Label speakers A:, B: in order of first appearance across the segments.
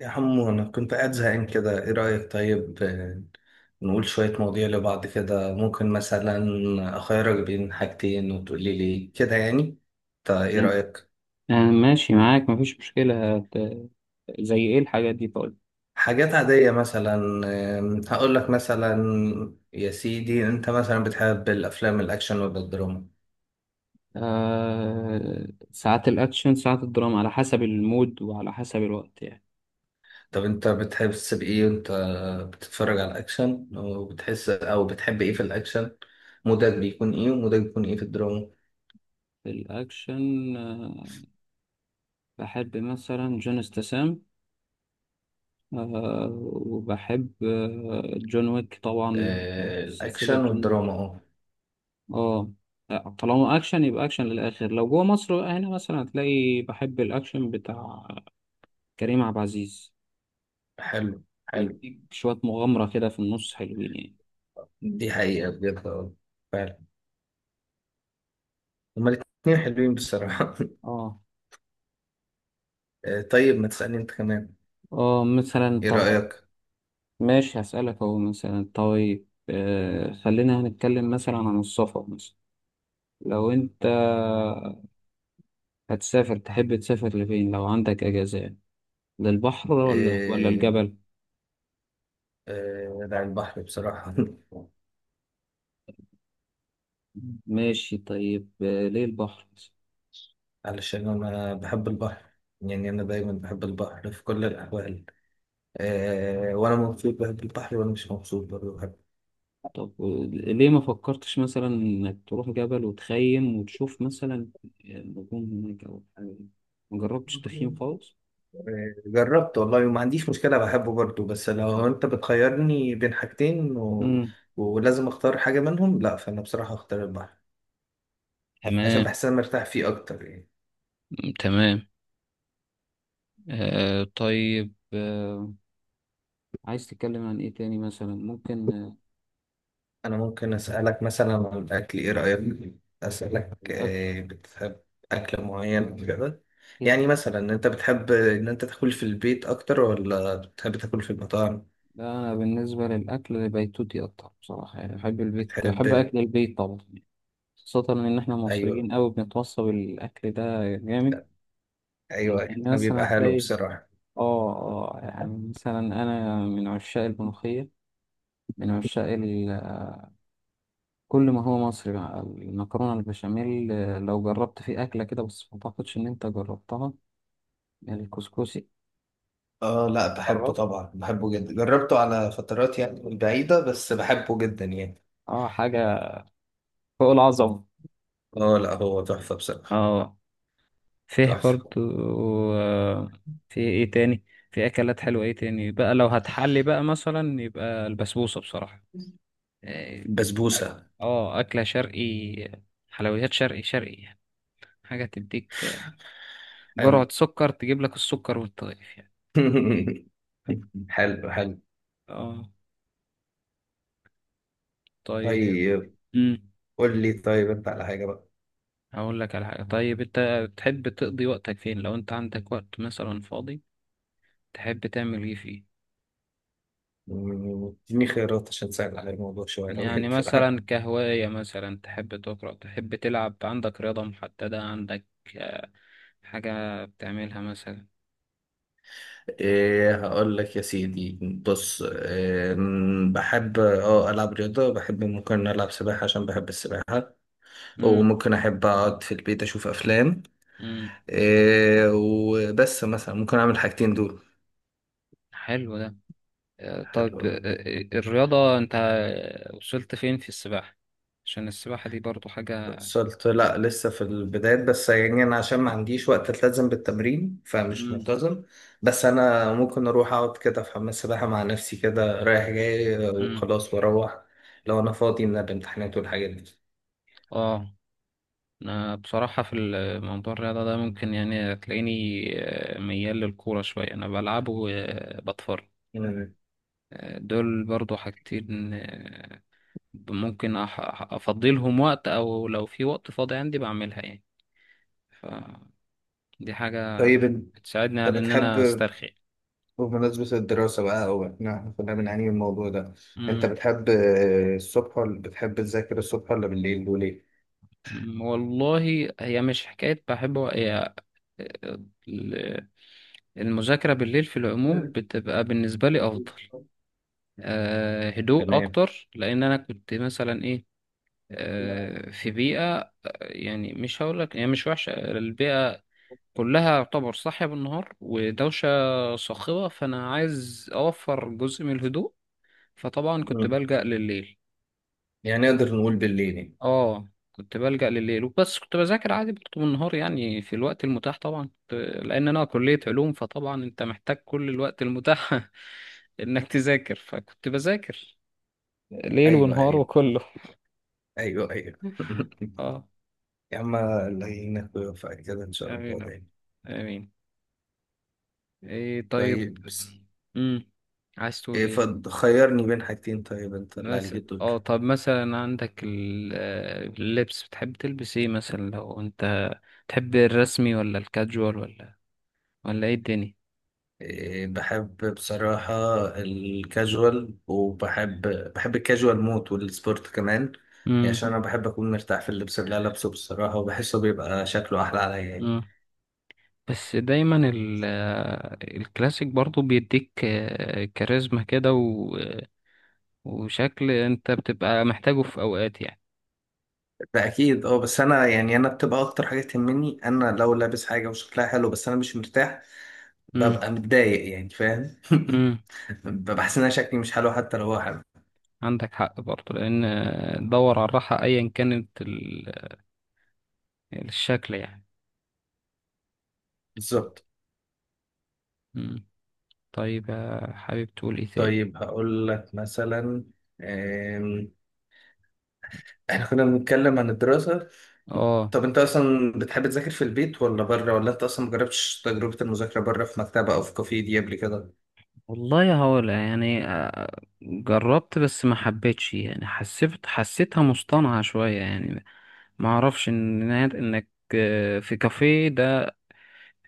A: يا حمو، أنا كنت قاعد زهقان كده. إيه رأيك؟ طيب، نقول شوية مواضيع لبعض كده. ممكن مثلا أخيرك بين حاجتين وتقولي لي كده يعني. طيب إيه
B: تمام.
A: رأيك؟
B: ماشي معاك، مفيش مشكلة. زي ايه الحاجات دي؟ طيب.
A: حاجات عادية مثلا. هقول لك مثلا. يا سيدي، أنت مثلا بتحب الأفلام الأكشن ولا الدراما؟
B: ساعات الاكشن ساعات الدراما، على حسب المود وعلى حسب الوقت يعني.
A: طب أنت بتحس بإيه وأنت بتتفرج على الأكشن؟ وبتحس أو بتحب إيه في الأكشن؟ مودك بيكون إيه، ومودك بيكون إيه في الدراما؟
B: الاكشن، بحب مثلا جون استسام، آه وبحب جون ويك طبعا، سلسلة
A: الأكشن
B: جون
A: والدراما
B: ويك. اه لا، طالما اكشن يبقى اكشن للاخر. لو جوه مصر بقى، هنا مثلا هتلاقي بحب الاكشن بتاع كريم عبد العزيز،
A: حلو حلو.
B: بيديك شوية مغامرة كده في النص، حلوين يعني.
A: دي حقيقة بجد، اه فعلا. هما الاتنين حلوين بصراحة.
B: اه
A: آه، طيب ما تسألني انت كمان.
B: اه، مثلا
A: ايه
B: طب،
A: رأيك؟
B: ماشي هسألك اهو. مثلا طيب، خلينا هنتكلم مثلا عن السفر. مثلا لو انت هتسافر، تحب تسافر لفين لو عندك اجازة يعني؟ للبحر ولا
A: إيه،
B: الجبل؟
A: إيه على البحر بصراحة.
B: ماشي طيب. ليه البحر مثلاً؟
A: علشان أنا بحب البحر. يعني أنا دايما بحب البحر في كل الأحوال. إيه، وأنا مبسوط بحب البحر، وأنا مش مبسوط برضه بحب.
B: طب ليه ما فكرتش مثلا انك تروح جبل وتخيم وتشوف مثلا النجوم هناك او حاجة؟ ما جربتش تخييم
A: إيه،
B: خالص؟
A: جربت والله وما عنديش مشكلة، بحبه برضه، بس لو أنت بتخيرني بين حاجتين
B: مم.
A: ولازم أختار حاجة منهم لا، فأنا بصراحة أختار البحر. عشان
B: تمام
A: بحس إن انا مرتاح فيه اكتر يعني.
B: تمام. طيب، عايز تتكلم عن ايه تاني؟ مثلا ممكن
A: انا ممكن اسالك مثلا عن الاكل، ايه رايك؟ اسالك
B: الاكل.
A: بتحب اكل معين كده؟
B: أكيد.
A: يعني مثلا انت بتحب ان انت تاكل في البيت اكتر ولا بتحب تاكل في المطاعم؟
B: لا انا بالنسبه للاكل بيتوتي اكتر بصراحه، يعني بحب البيت،
A: بتحب.
B: بحب اكل البيت طبعا. خاصه ان احنا
A: ايوه،
B: مصريين قوي بنتوصى بالاكل ده جامد. يعني
A: ايوه
B: يعني
A: انا
B: مثلا
A: بيبقى حلو
B: هتلاقي،
A: بصراحه.
B: اه اه، يعني مثلا انا من عشاق الملوخيه، من عشاق ال... كل ما هو مصري بقى، المكرونه البشاميل. لو جربت في اكله كده، بس ما اعتقدش ان انت جربتها، يعني الكسكسي؟
A: اه لا، بحبه
B: جربت؟
A: طبعا، بحبه جدا، جربته على فترات يعني بعيده بس بحبه جدا يعني.
B: اه، حاجه فوق العظمه.
A: اه لا، هو تحفه بصراحه.
B: اه. فيه
A: تحفه.
B: برضو، آه، في ايه تاني؟ في اكلات حلوة، ايه تاني بقى؟ لو هتحلي بقى مثلا، يبقى البسبوسة بصراحة. إيه، أك-
A: بسبوسه.
B: اه اكلة شرقي، حلويات شرقي شرقي يعني. حاجة تديك
A: حلو.
B: جرعة سكر، تجيب لك السكر وانت طايف يعني.
A: حلو حلو.
B: اه طيب.
A: طيب.
B: امم
A: قول لي طيب انت على حاجة بقى.
B: هقول لك على حاجة. طيب انت تحب تقضي وقتك فين لو انت عندك وقت مثلا فاضي؟ تحب تعمل ايه فيه؟
A: اديني خيارات عشان تسهل على الموضوع شوية لو
B: يعني
A: ينفع بقى.
B: مثلا كهواية، مثلا تحب تقرأ، تحب تلعب، عندك رياضة محددة، عندك آه، حاجة بتعملها مثلا؟
A: إيه، هقول لك يا سيدي. بص، إيه بحب اه ألعب رياضة، بحب ممكن ألعب سباحة عشان بحب السباحة.
B: مم.
A: وممكن أحب أقعد في البيت أشوف أفلام.
B: مم.
A: إيه وبس، مثلا ممكن أعمل حاجتين دول.
B: حلو ده. آه، طب آه،
A: حلو.
B: آه، الرياضة، أنت وصلت فين في السباحة؟ عشان السباحة دي برضو حاجة.
A: وصلت لا، لسه في البدايات بس يعني. انا عشان ما عنديش وقت التزم بالتمرين فمش
B: مم.
A: ملتزم. بس انا ممكن اروح اقعد كده في حمام السباحه مع نفسي كده رايح جاي
B: مم.
A: وخلاص واروح، لو انا فاضي من الامتحانات والحاجات دي.
B: اه، أنا بصراحة في موضوع الرياضة ده، ممكن يعني تلاقيني ميال للكورة شوية، أنا بلعبه وبتفرج.
A: مم.
B: دول برضو حاجتين، ممكن افضلهم وقت، او لو في وقت فاضي عندي بعملها يعني. فدي حاجة
A: طيب انت
B: بتساعدني على ان
A: بتحب.
B: انا استرخي.
A: بمناسبة الدراسة بقى، او احنا كنا بنعاني من الموضوع ده. انت
B: مم.
A: بتحب الصبح، ولا بتحب تذاكر الصبح ولا بالليل، وليه؟
B: والله هي مش حكاية بحب. هي ال- المذاكرة بالليل في العموم
A: مم.
B: بتبقى بالنسبة لي أفضل. هدوء
A: تمام.
B: أكتر، لأن أنا كنت مثلا إيه أه في بيئة، يعني مش هقولك هي مش وحشة. البيئة كلها يعتبر صاحية بالنهار ودوشة صاخبة، فأنا عايز أوفر جزء من الهدوء، فطبعا كنت
A: مم.
B: بلجأ لليل.
A: يعني نقدر نقول بالليل يعني.
B: اه، كنت بلجأ لليل وبس. كنت بذاكر عادي برضه بالنهار يعني في الوقت المتاح. طبعا لأن أنا كلية علوم، فطبعا أنت محتاج كل الوقت المتاح إنك تذاكر، فكنت بذاكر ليل
A: ايوه
B: ونهار
A: ايوه.
B: وكله.
A: ايوه ايوه
B: اه.
A: يا عم، الله يعينك ويوفقك كده ان شاء
B: آمين
A: الله
B: يا رب.
A: دايما.
B: آمين. طيب.
A: طيب بس.
B: مم. عايز تقول
A: إيه
B: إيه؟
A: خيرني بين حاجتين طيب، انت اللي
B: بس.
A: عليك
B: اه
A: الدور.
B: طب مثلا عندك اللبس، بتحب تلبس ايه مثلا؟ لو انت تحب الرسمي ولا الكاجوال، ولا ايه الدنيا؟
A: إيه، بحب بصراحة الكاجوال، وبحب، بحب الكاجوال موت والسبورت كمان. يعني
B: امم
A: عشان انا بحب اكون مرتاح في اللبس اللي أنا لابسه بصراحة، وبحسه بيبقى شكله احلى عليا يعني.
B: امم بس دايما الكلاسيك برضو بيديك كاريزما كده، وشكل انت بتبقى محتاجه في اوقات يعني.
A: ده اكيد اه، بس انا يعني انا بتبقى اكتر حاجة تهمني انا، لو لابس حاجة وشكلها حلو بس انا مش مرتاح
B: امم
A: ببقى متضايق يعني، فاهم؟
B: امم
A: ببقى حاسس ان أنا شكلي مش حلو حتى لو هو حلو.
B: عندك حق برضو، لان دور على الراحة ايا كانت الشكل يعني.
A: بالظبط.
B: امم طيب، حابب تقول ايه تاني؟
A: طيب هقول لك مثلا. آم، احنا كنا بنتكلم عن الدراسة.
B: اه،
A: طب انت اصلا بتحب تذاكر في البيت ولا بره، ولا انت اصلا مجربتش تجربة المذاكرة بره في مكتبة او في كافيه دي قبل كده؟
B: والله هقول يعني، جربت بس ما حبيتش، يعني حسيتها مصطنعة شوية يعني. ما اعرفش ان انك في كافيه ده،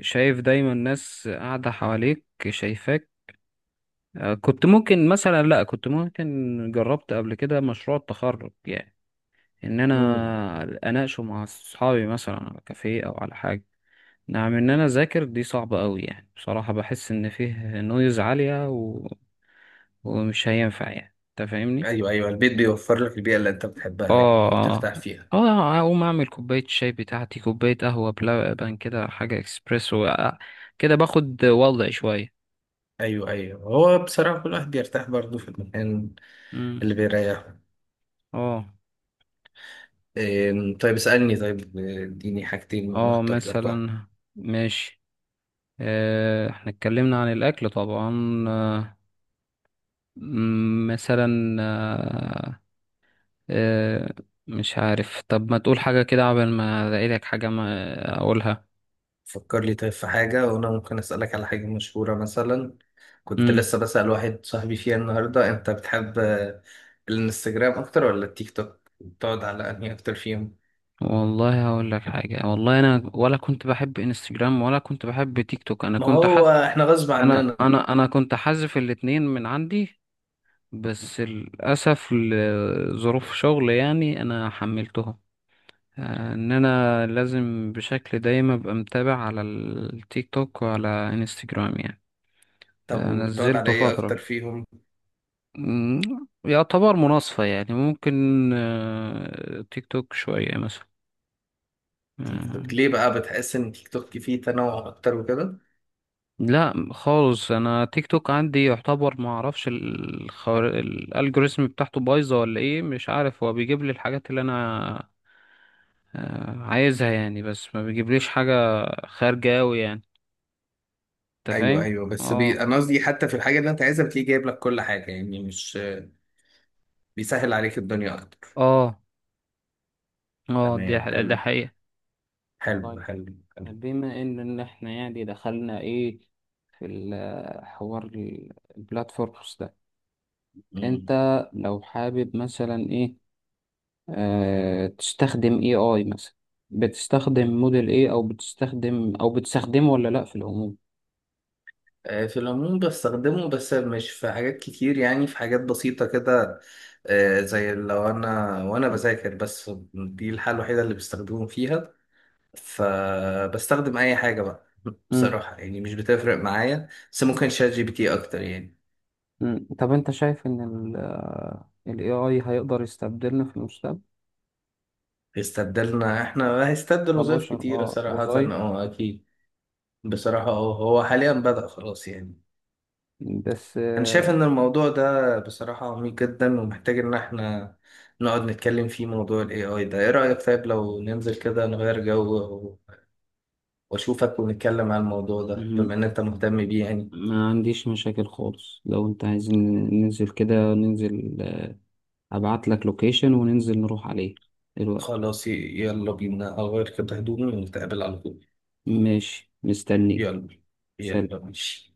B: شايف دايما ناس قاعدة حواليك شايفاك. كنت ممكن مثلا لا كنت ممكن جربت قبل كده مشروع التخرج يعني، ان
A: امم.
B: انا اناقشه مع اصحابي مثلا على كافيه او على حاجة. نعم، ان انا اذاكر دي صعبة قوي يعني. بصراحة بحس ان فيه نويز عالية ومش هينفع، يعني انت فاهمني.
A: ايوه ايوه، البيت بيوفر لك البيئة اللي انت بتحبها
B: اه
A: يعني بترتاح
B: اه
A: فيها.
B: اه. اقوم اعمل كوباية شاي بتاعتي، كوباية قهوة بلبن كده، حاجة اكسبريسو، كده باخد وضعي شوية.
A: ايوه ايوه، هو بصراحة كل واحد بيرتاح برضه في المكان
B: امم
A: اللي بيريحه.
B: اه
A: طيب اسألني طيب. اديني حاجتين
B: اه،
A: نختار لك واحدة.
B: مثلا ماشي. احنا اتكلمنا عن الاكل طبعا. مثلا، آه، مش عارف. طب ما تقول حاجة كده قبل ما الاقي لك حاجة ما اقولها؟
A: فكر لي طيب في حاجة، وأنا ممكن أسألك على حاجة مشهورة مثلا. كنت
B: امم
A: لسه بسأل واحد صاحبي فيها النهاردة. أنت بتحب الانستجرام أكتر ولا التيك توك؟ بتقعد على أنهي أكتر فيهم؟
B: والله هقول لك حاجة. والله انا ولا كنت بحب انستجرام ولا كنت بحب تيك توك. انا
A: ما
B: كنت
A: هو إحنا غصب
B: انا
A: عننا.
B: انا انا كنت حذف الاتنين من عندي، بس للاسف لظروف شغل يعني انا حملتهم، ان انا لازم بشكل دايم ابقى متابع على التيك توك وعلى انستجرام يعني.
A: طب وبتقعد على
B: نزلته
A: إيه
B: فترة.
A: أكتر فيهم؟
B: مم، يعتبر مناصفة يعني، ممكن تيك توك شوية مثلا.
A: تيك
B: آه،
A: توك ليه بقى؟ بتحس إن تيك توك فيه تنوع أكتر وكده؟
B: لا خالص، انا تيك توك عندي يعتبر ما اعرفش الالجوريزم بتاعته بايظة ولا ايه؟ مش عارف، هو بيجيب لي الحاجات اللي انا عايزها يعني، بس ما بيجيبليش حاجة خارجة اوي يعني، انت
A: أيوه
B: فاهم؟
A: أيوه، بس
B: اه
A: أنا قصدي حتى في الحاجة اللي أنت عايزها بتلاقيه جايب لك كل حاجة، يعني مش بيسهل عليك الدنيا أكتر.
B: اه اه.
A: تمام.
B: ده
A: حلو
B: حقيقة.
A: حلو
B: طيب،
A: حلو حلو.
B: بما ان احنا يعني دخلنا ايه في الحوار، البلاتفورمز ده، انت
A: مم.
B: لو حابب مثلا ايه، تستخدم اي اي مثلا؟ بتستخدم موديل ايه، او بتستخدمه ولا لا في العموم؟
A: في العموم بستخدمه، بس مش في حاجات كتير يعني، في حاجات بسيطة كده. زي لو أنا وأنا بذاكر، بس دي الحالة الوحيدة اللي بستخدمه فيها، فبستخدم أي حاجة بقى.
B: مم.
A: بصراحة يعني مش بتفرق معايا، بس ممكن شات جي بي تي أكتر يعني.
B: مم. طب انت شايف ان ال AI هيقدر يستبدلنا في المستقبل؟
A: هيستبدلنا إحنا؟ هيستبدل وظائف
B: كبشر،
A: كتيرة
B: اه.
A: صراحة.
B: وظايف.
A: أه أكيد. بصراحة أه هو حاليا بدأ خلاص يعني.
B: بس
A: أنا شايف إن الموضوع ده بصراحة عميق جدا، ومحتاج إن إحنا نقعد نتكلم فيه، موضوع ال AI ده. إيه رأيك طيب لو ننزل كده نغير جو وأشوفك ونتكلم عن الموضوع ده، بما
B: مهم.
A: إن أنت مهتم بيه يعني.
B: ما عنديش مشاكل خالص، لو انت عايز ننزل كده ننزل. ابعت لك لوكيشن وننزل نروح عليه دلوقتي.
A: خلاص يلا بينا، أغير كده هدومي ونتقابل على طول.
B: ماشي، مستنيك.
A: يلا. يلا
B: سلام.
A: ماشي.